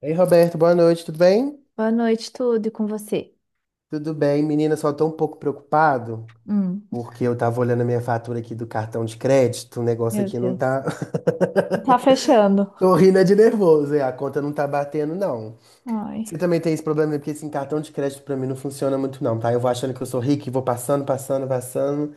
Ei, Roberto, boa noite, tudo bem? Boa noite, tudo e com você. Tudo bem, menina, só tô um pouco preocupado, Hum, porque eu tava olhando a minha fatura aqui do cartão de crédito, o negócio meu aqui não Deus. tá. Tá fechando. Tô rindo é de nervoso, é, a conta não tá batendo, não. Ai. Você também tem esse problema, né, porque assim, cartão de crédito pra mim não funciona muito, não, tá? Eu vou achando que eu sou rico e vou passando, passando, passando.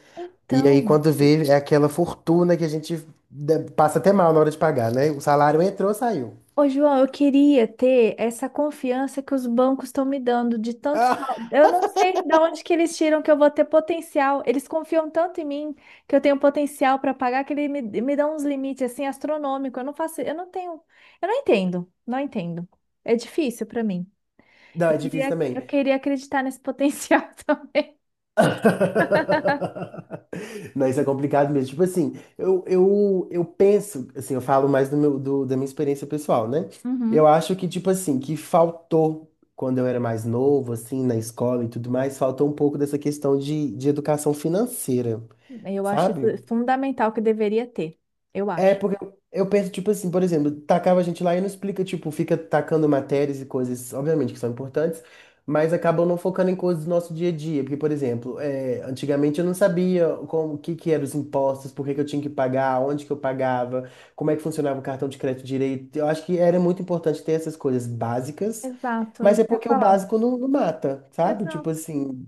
E aí, Então, quando vê, é aquela fortuna que a gente passa até mal na hora de pagar, né? O salário entrou, saiu. ô João, eu queria ter essa confiança que os bancos estão me dando de tantos. Ah, Eu não sei de onde que eles tiram que eu vou ter potencial. Eles confiam tanto em mim que eu tenho potencial para pagar que eles me dão uns limites assim astronômicos. Eu não faço, eu não tenho, eu não entendo, não entendo. É difícil para mim. não, Eu é difícil queria, eu também. queria acreditar nesse potencial Não, isso é complicado mesmo. Tipo assim, eu penso, assim, eu falo mais do meu, da minha experiência pessoal, né? Eu também. acho que, tipo assim, que faltou, quando eu era mais novo, assim, na escola e tudo mais, faltou um pouco dessa questão de educação financeira, Eu acho sabe? isso fundamental que deveria ter. Eu É acho. porque eu penso, tipo assim, por exemplo, tacava a gente lá e não explica, tipo, fica tacando matérias e coisas, obviamente, que são importantes, mas acabam não focando em coisas do nosso dia a dia. Porque, por exemplo, é, antigamente eu não sabia como, o que que eram os impostos, por que que eu tinha que pagar, onde que eu pagava, como é que funcionava o cartão de crédito direito. Eu acho que era muito importante ter essas coisas básicas, Exato, mas é isso que eu ia porque o falar. básico não, não mata, sabe? Tipo Exato. assim,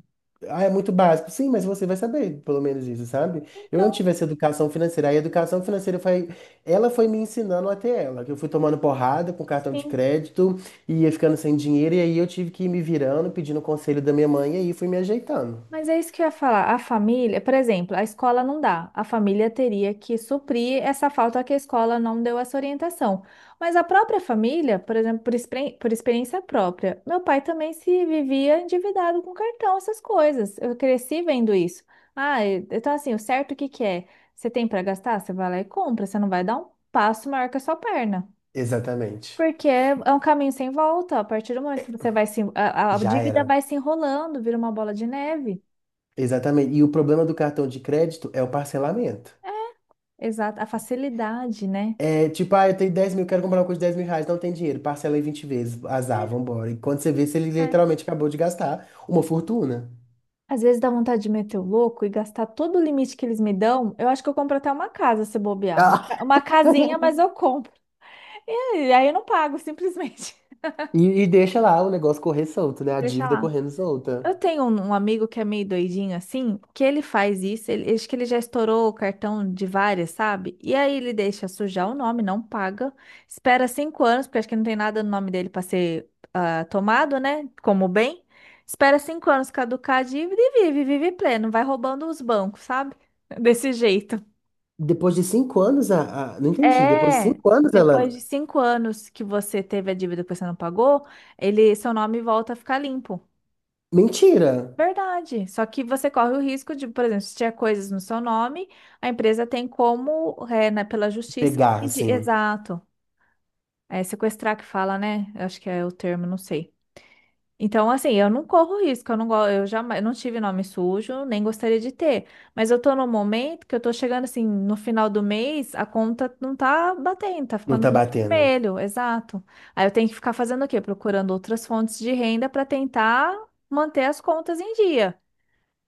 ah, é muito básico. Sim, mas você vai saber, pelo menos isso, sabe? Eu não Então, tive essa educação financeira. A educação financeira foi, ela foi me ensinando até ela, que eu fui tomando porrada com cartão de sim. crédito e ia ficando sem dinheiro e aí eu tive que ir me virando, pedindo conselho da minha mãe e aí fui me ajeitando. Mas é isso que eu ia falar. A família, por exemplo, a escola não dá. A família teria que suprir essa falta que a escola não deu essa orientação. Mas a própria família, por exemplo, por, por experiência própria, meu pai também se vivia endividado com cartão, essas coisas. Eu cresci vendo isso. Ah, então assim, o certo o que que é? Você tem para gastar? Você vai lá e compra. Você não vai dar um passo maior que a sua perna. Exatamente. Porque é um caminho sem volta. A partir do momento que você vai se. A Já dívida era. vai se enrolando, vira uma bola de neve. Exatamente. E o problema do cartão de crédito é o parcelamento. Exato, a facilidade, né? É, tipo, ah, eu tenho 10.000, quero comprar uma coisa de R$ 10.000, não tem dinheiro, parcela em 20 vezes, É, azar, vambora. E quando você vê, se ele é. literalmente acabou de gastar uma fortuna. Às vezes dá vontade de meter o louco e gastar todo o limite que eles me dão. Eu acho que eu compro até uma casa se bobear. Uma Ah, ca- uma casinha, mas eu compro. E aí eu não pago, simplesmente. e deixa lá o negócio correr solto, né? A Deixa dívida lá. correndo Eu solta. tenho um amigo que é meio doidinho assim, que ele faz isso, ele, acho que ele já estourou o cartão de várias, sabe? E aí ele deixa sujar o nome, não paga, espera 5 anos, porque acho que não tem nada no nome dele para ser ah, tomado, né? Como bem. Espera cinco anos caducar a dívida e vive, vive pleno, vai roubando os bancos, sabe? Desse jeito. Depois de 5 anos, não entendi. Depois de É, 5 anos, depois de ela. 5 anos que você teve a dívida que você não pagou, ele, seu nome volta a ficar limpo. Mentira! Verdade. Só que você corre o risco de, por exemplo, se tiver coisas no seu nome, a empresa tem como, é, né, pela justiça, Pegar, assim, exato. É sequestrar que fala, né? Eu acho que é o termo, não sei. Então, assim, eu não corro risco, eu não, eu jamais, eu não tive nome sujo, nem gostaria de ter. Mas eu tô num momento que eu tô chegando assim, no final do mês, a conta não tá batendo, tá não ficando tá no batendo. vermelho, exato. Aí eu tenho que ficar fazendo o quê? Procurando outras fontes de renda para tentar manter as contas em dia.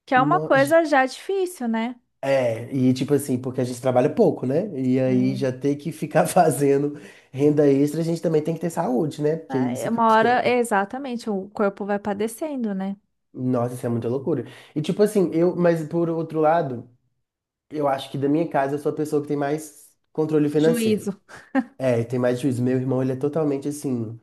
Que é uma No- gi- coisa já difícil, né? É, e tipo assim, porque a gente trabalha pouco, né? E aí Sim. já ter que ficar fazendo renda extra, a gente também tem que ter saúde, né? Porque É, isso que eu uma acho que é. hora, é, exatamente, o corpo vai padecendo, né? Nossa, isso é muita loucura. E tipo assim, eu, mas por outro lado, eu acho que da minha casa eu sou a pessoa que tem mais controle financeiro. Juízo. É, e tem mais juízo. Meu irmão, ele é totalmente assim,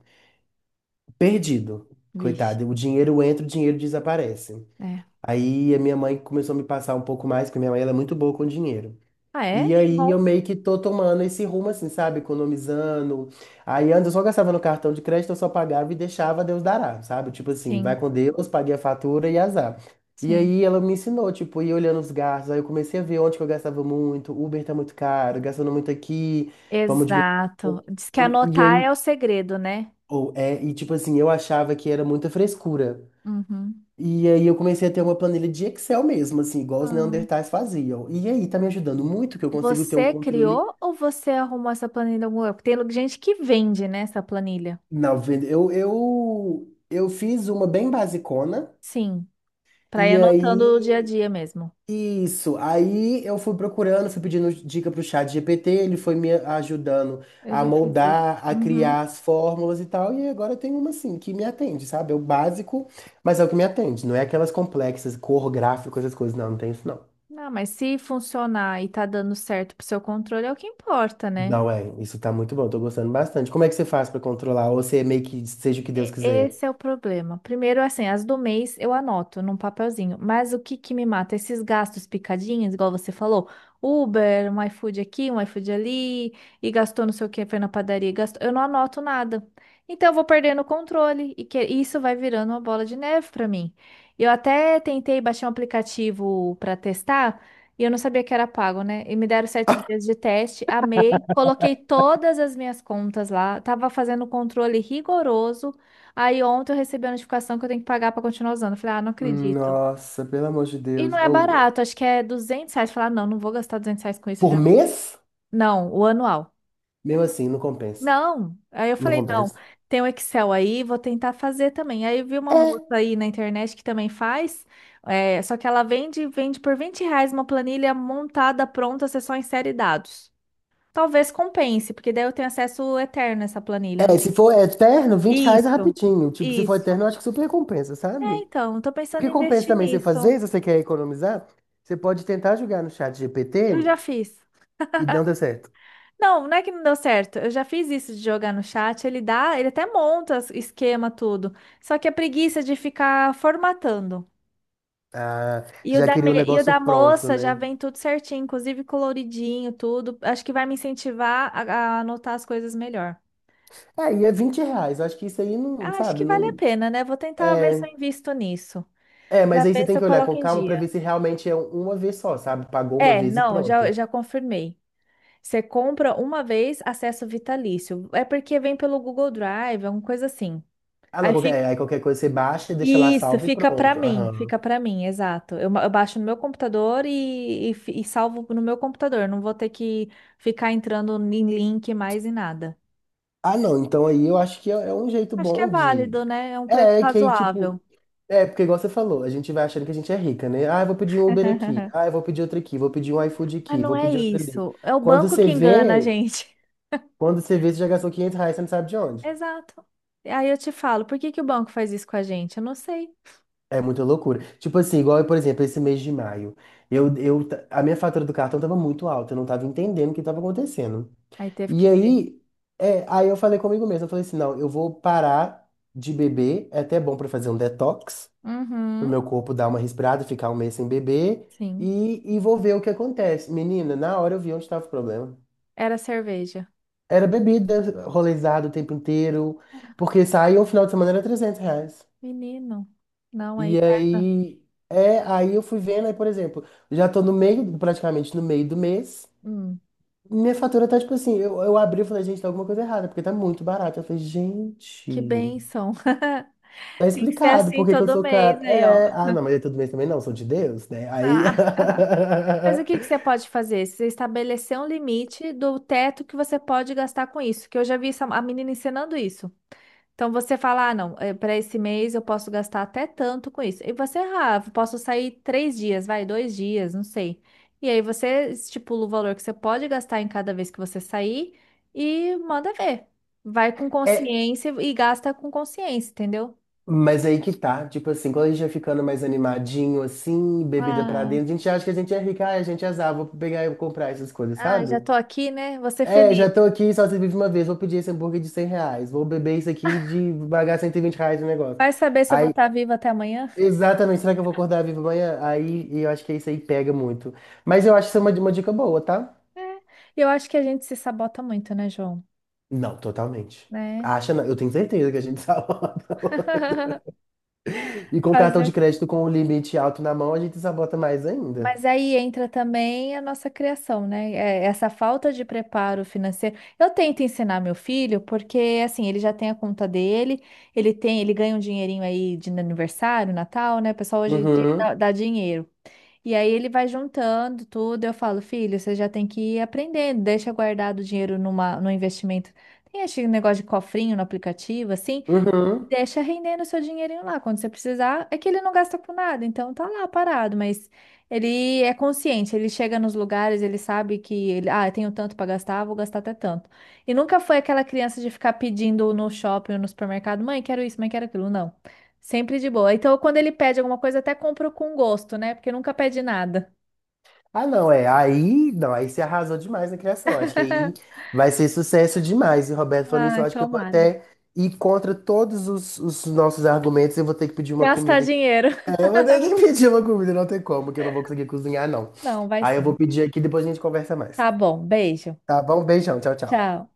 perdido. Vixe. Coitado, o dinheiro entra, o dinheiro desaparece. É. Aí a minha mãe começou a me passar um pouco mais, porque minha mãe ela é muito boa com dinheiro. Ah, é? E Que aí eu bom. meio que tô tomando esse rumo assim, sabe? Economizando. Aí antes eu só gastava no cartão de crédito, eu só pagava e deixava Deus dará, sabe? Tipo assim, vai Sim, com Deus, paguei a fatura e azar. E sim. aí ela me ensinou, tipo, ir olhando os gastos. Aí eu comecei a ver onde que eu gastava muito. Uber tá muito caro, gastando muito aqui, vamos diminuir um Exato. pouco. Diz que E anotar é aí, o segredo, né? ou é, e tipo assim, eu achava que era muita frescura. Uhum. E aí eu comecei a ter uma planilha de Excel mesmo, assim, igual os Ah. Neandertais faziam. E aí tá me ajudando muito que eu consigo ter um Você controle. criou ou você arrumou essa planilha em algum lugar? Porque tem gente que vende, né, essa planilha. Não, eu fiz uma bem basicona, Sim, para ir e anotando o dia a aí, dia mesmo. isso, aí eu fui procurando, fui pedindo dica pro Chat GPT, ele foi me ajudando Eu a já fiz isso. moldar, a Uhum. criar as fórmulas e tal, e agora eu tenho uma assim, que me atende, sabe? É o básico, mas é o que me atende, não é aquelas complexas, cor, gráfico, essas coisas, não, não tem isso não. Não, mas se funcionar e tá dando certo pro seu controle, é o que importa, né? Não é, isso tá muito bom, tô gostando bastante. Como é que você faz pra controlar? Ou você meio que seja o que Deus quiser? Esse é o problema. Primeiro, assim, as do mês eu anoto num papelzinho, mas o que que me mata? Esses gastos picadinhos, igual você falou, Uber, um iFood aqui, um iFood ali, e gastou não sei o que, foi na padaria, e gastou. Eu não anoto nada. Então, eu vou perdendo o controle, e isso vai virando uma bola de neve para mim. Eu até tentei baixar um aplicativo para testar, e eu não sabia que era pago, né? E me deram 7 dias de teste, amei, coloquei todas as minhas contas lá, tava fazendo um controle rigoroso. Aí ontem eu recebi a notificação que eu tenho que pagar pra continuar usando. Eu falei, ah, não acredito. Nossa, pelo amor de E não Deus. é Ou- barato, acho que é R$ 200. Eu falei, ah, não, não vou gastar R$ 200 com isso por já. mês? Não, o anual. Mesmo assim, não compensa. Não. Aí eu Não falei, não, compensa. tem o Excel aí, vou tentar fazer também. Aí eu vi uma moça aí na internet que também faz, é, só que ela vende, vende por R$ 20 uma planilha montada, pronta, você só insere dados. Talvez compense, porque daí eu tenho acesso eterno a essa planilha. Não tem- Se for eterno, R$ 20 é Isso, rapidinho. Tipo, se for eterno, eu isso. acho que super compensa, É, sabe? então, tô O pensando que em compensa investir também você fazer, nisso. se você quer economizar, você pode tentar jogar no Chat Eu GPT já fiz. e não deu certo. Não, não é que não deu certo. Eu já fiz isso de jogar no chat. Ele dá, ele até monta esquema tudo. Só que a preguiça de ficar formatando. Ah, E o já da, me- queria o e o negócio da pronto, moça já né? vem tudo certinho, inclusive coloridinho, tudo. Acho que vai me incentivar a anotar as coisas melhor. É, e é R$ 20. Eu acho que isso aí não, Acho sabe, que vale a não. pena, né? Vou tentar ver se É, eu invisto nisso. Mas Pra aí você ver tem se eu que olhar com coloco em calma pra dia. ver se realmente é uma vez só, sabe? Pagou uma É, vez e não, já, pronto. já confirmei. Você compra uma vez, acesso vitalício. É porque vem pelo Google Drive, alguma coisa assim. Ah, não, Aí qualquer, aí qualquer coisa você baixa e deixa lá isso, salvo e pronto. Aham. fica pra mim, exato. Eu baixo no meu computador e salvo no meu computador. Não vou ter que ficar entrando em link mais e nada. Ah, não, então aí eu acho que é um jeito Acho que é bom de. válido, né? É um preço É que aí, tipo. razoável. É, porque igual você falou, a gente vai achando que a gente é rica, né? Ah, eu vou pedir um Uber aqui. Ah, eu vou pedir outro aqui. Vou pedir um iFood Mas aqui. não Vou é pedir outro ali. isso. É o Quando banco você que engana a vê, gente. quando você vê, você já gastou R$ 500, você não sabe de onde. Exato. E aí eu te falo, por que que o banco faz isso com a gente? Eu não sei. É muita loucura. Tipo assim, igual, por exemplo, esse mês de maio. A minha fatura do cartão tava muito alta. Eu não tava entendendo o que tava acontecendo. Aí teve E que ver. aí, é, aí eu falei comigo mesmo. Eu falei assim, não, eu vou parar de beber. É até bom pra fazer um detox, pro Uhum, meu corpo dar uma respirada, ficar um mês sem beber sim. E vou ver o que acontece. Menina, na hora eu vi onde estava o problema. Era cerveja. Era bebida, rolezado o tempo inteiro, porque saía o final de semana era R$ 300. Menino. Não, aí E pesa. aí, é, aí eu fui vendo, aí, por exemplo, já tô no meio, praticamente no meio do mês, Hum, minha fatura tá tipo assim, eu abri e falei, gente, tá alguma coisa errada, porque tá muito barato. Eu falei, gente, que bênção. tá Tem que ser explicado assim por que que eu todo sou caro. mês aí, ó. É, ah, não, mas é todo mês também não, sou de Deus, né? Aí. Ah. Mas o que que você pode fazer? Você estabelecer um limite do teto que você pode gastar com isso, que eu já vi a menina ensinando isso. Então você fala, ah, não, para esse mês eu posso gastar até tanto com isso. E você, ah, eu posso sair 3 dias, vai, 2 dias, não sei. E aí você estipula o valor que você pode gastar em cada vez que você sair e manda ver. Vai com É, consciência e gasta com consciência, entendeu? mas aí que tá, tipo assim, quando a gente vai ficando mais animadinho, assim, bebida pra dentro, a gente acha que a gente é rica, ai, a gente é azar, vou pegar e comprar essas coisas, Ah, sabe? já tô aqui, né? Vou ser É, já feliz. tô aqui, só se vive uma vez, vou pedir esse hambúrguer de R$ 100, vou beber isso aqui de pagar R$ 120 no negócio. Vai saber se eu vou Aí, estar viva até amanhã? exatamente, será que eu vou acordar vivo amanhã? Aí, e eu acho que isso aí pega muito. Mas eu acho isso é uma dica boa, tá? É. E eu acho que a gente se sabota muito, né, João? Não, totalmente. Né? Acha, não. Eu tenho certeza que a gente sabota. E com cartão Fazer o de quê? crédito com o limite alto na mão, a gente sabota mais ainda. Mas aí entra também a nossa criação, né? É, essa falta de preparo financeiro. Eu tento ensinar meu filho, porque assim, ele já tem a conta dele, ele tem, ele ganha um dinheirinho aí de aniversário, Natal, né? O pessoal hoje em dia dá, Uhum. dá dinheiro. E aí ele vai juntando tudo. Eu falo, filho, você já tem que ir aprendendo, deixa guardado o dinheiro numa, no investimento. Tem esse negócio de cofrinho no aplicativo, assim. Uhum. Deixa rendendo o seu dinheirinho lá. Quando você precisar, é que ele não gasta com nada, então tá lá parado, mas ele é consciente, ele chega nos lugares, ele sabe que ele, ah, eu tenho tanto pra gastar, vou gastar até tanto. E nunca foi aquela criança de ficar pedindo no shopping ou no supermercado, mãe, quero isso, mãe, quero aquilo. Não. Sempre de boa. Então, quando ele pede alguma coisa, até compro com gosto, né? Porque nunca pede nada. Ah, não, é. Aí, não, aí você arrasou demais na criação. Acho que aí vai ser sucesso demais. E o Roberto falou nisso, eu Ah, acho que eu vou tomara. até ir contra todos os nossos argumentos. Eu vou ter que pedir uma Gastar comida aqui. dinheiro. É, eu vou ter que pedir uma comida, não tem como, que eu não vou conseguir cozinhar, não. Não, vai Aí eu vou sim. pedir aqui, depois a gente conversa mais. Tá bom, beijo. Tá bom? Beijão, tchau, tchau. Tchau.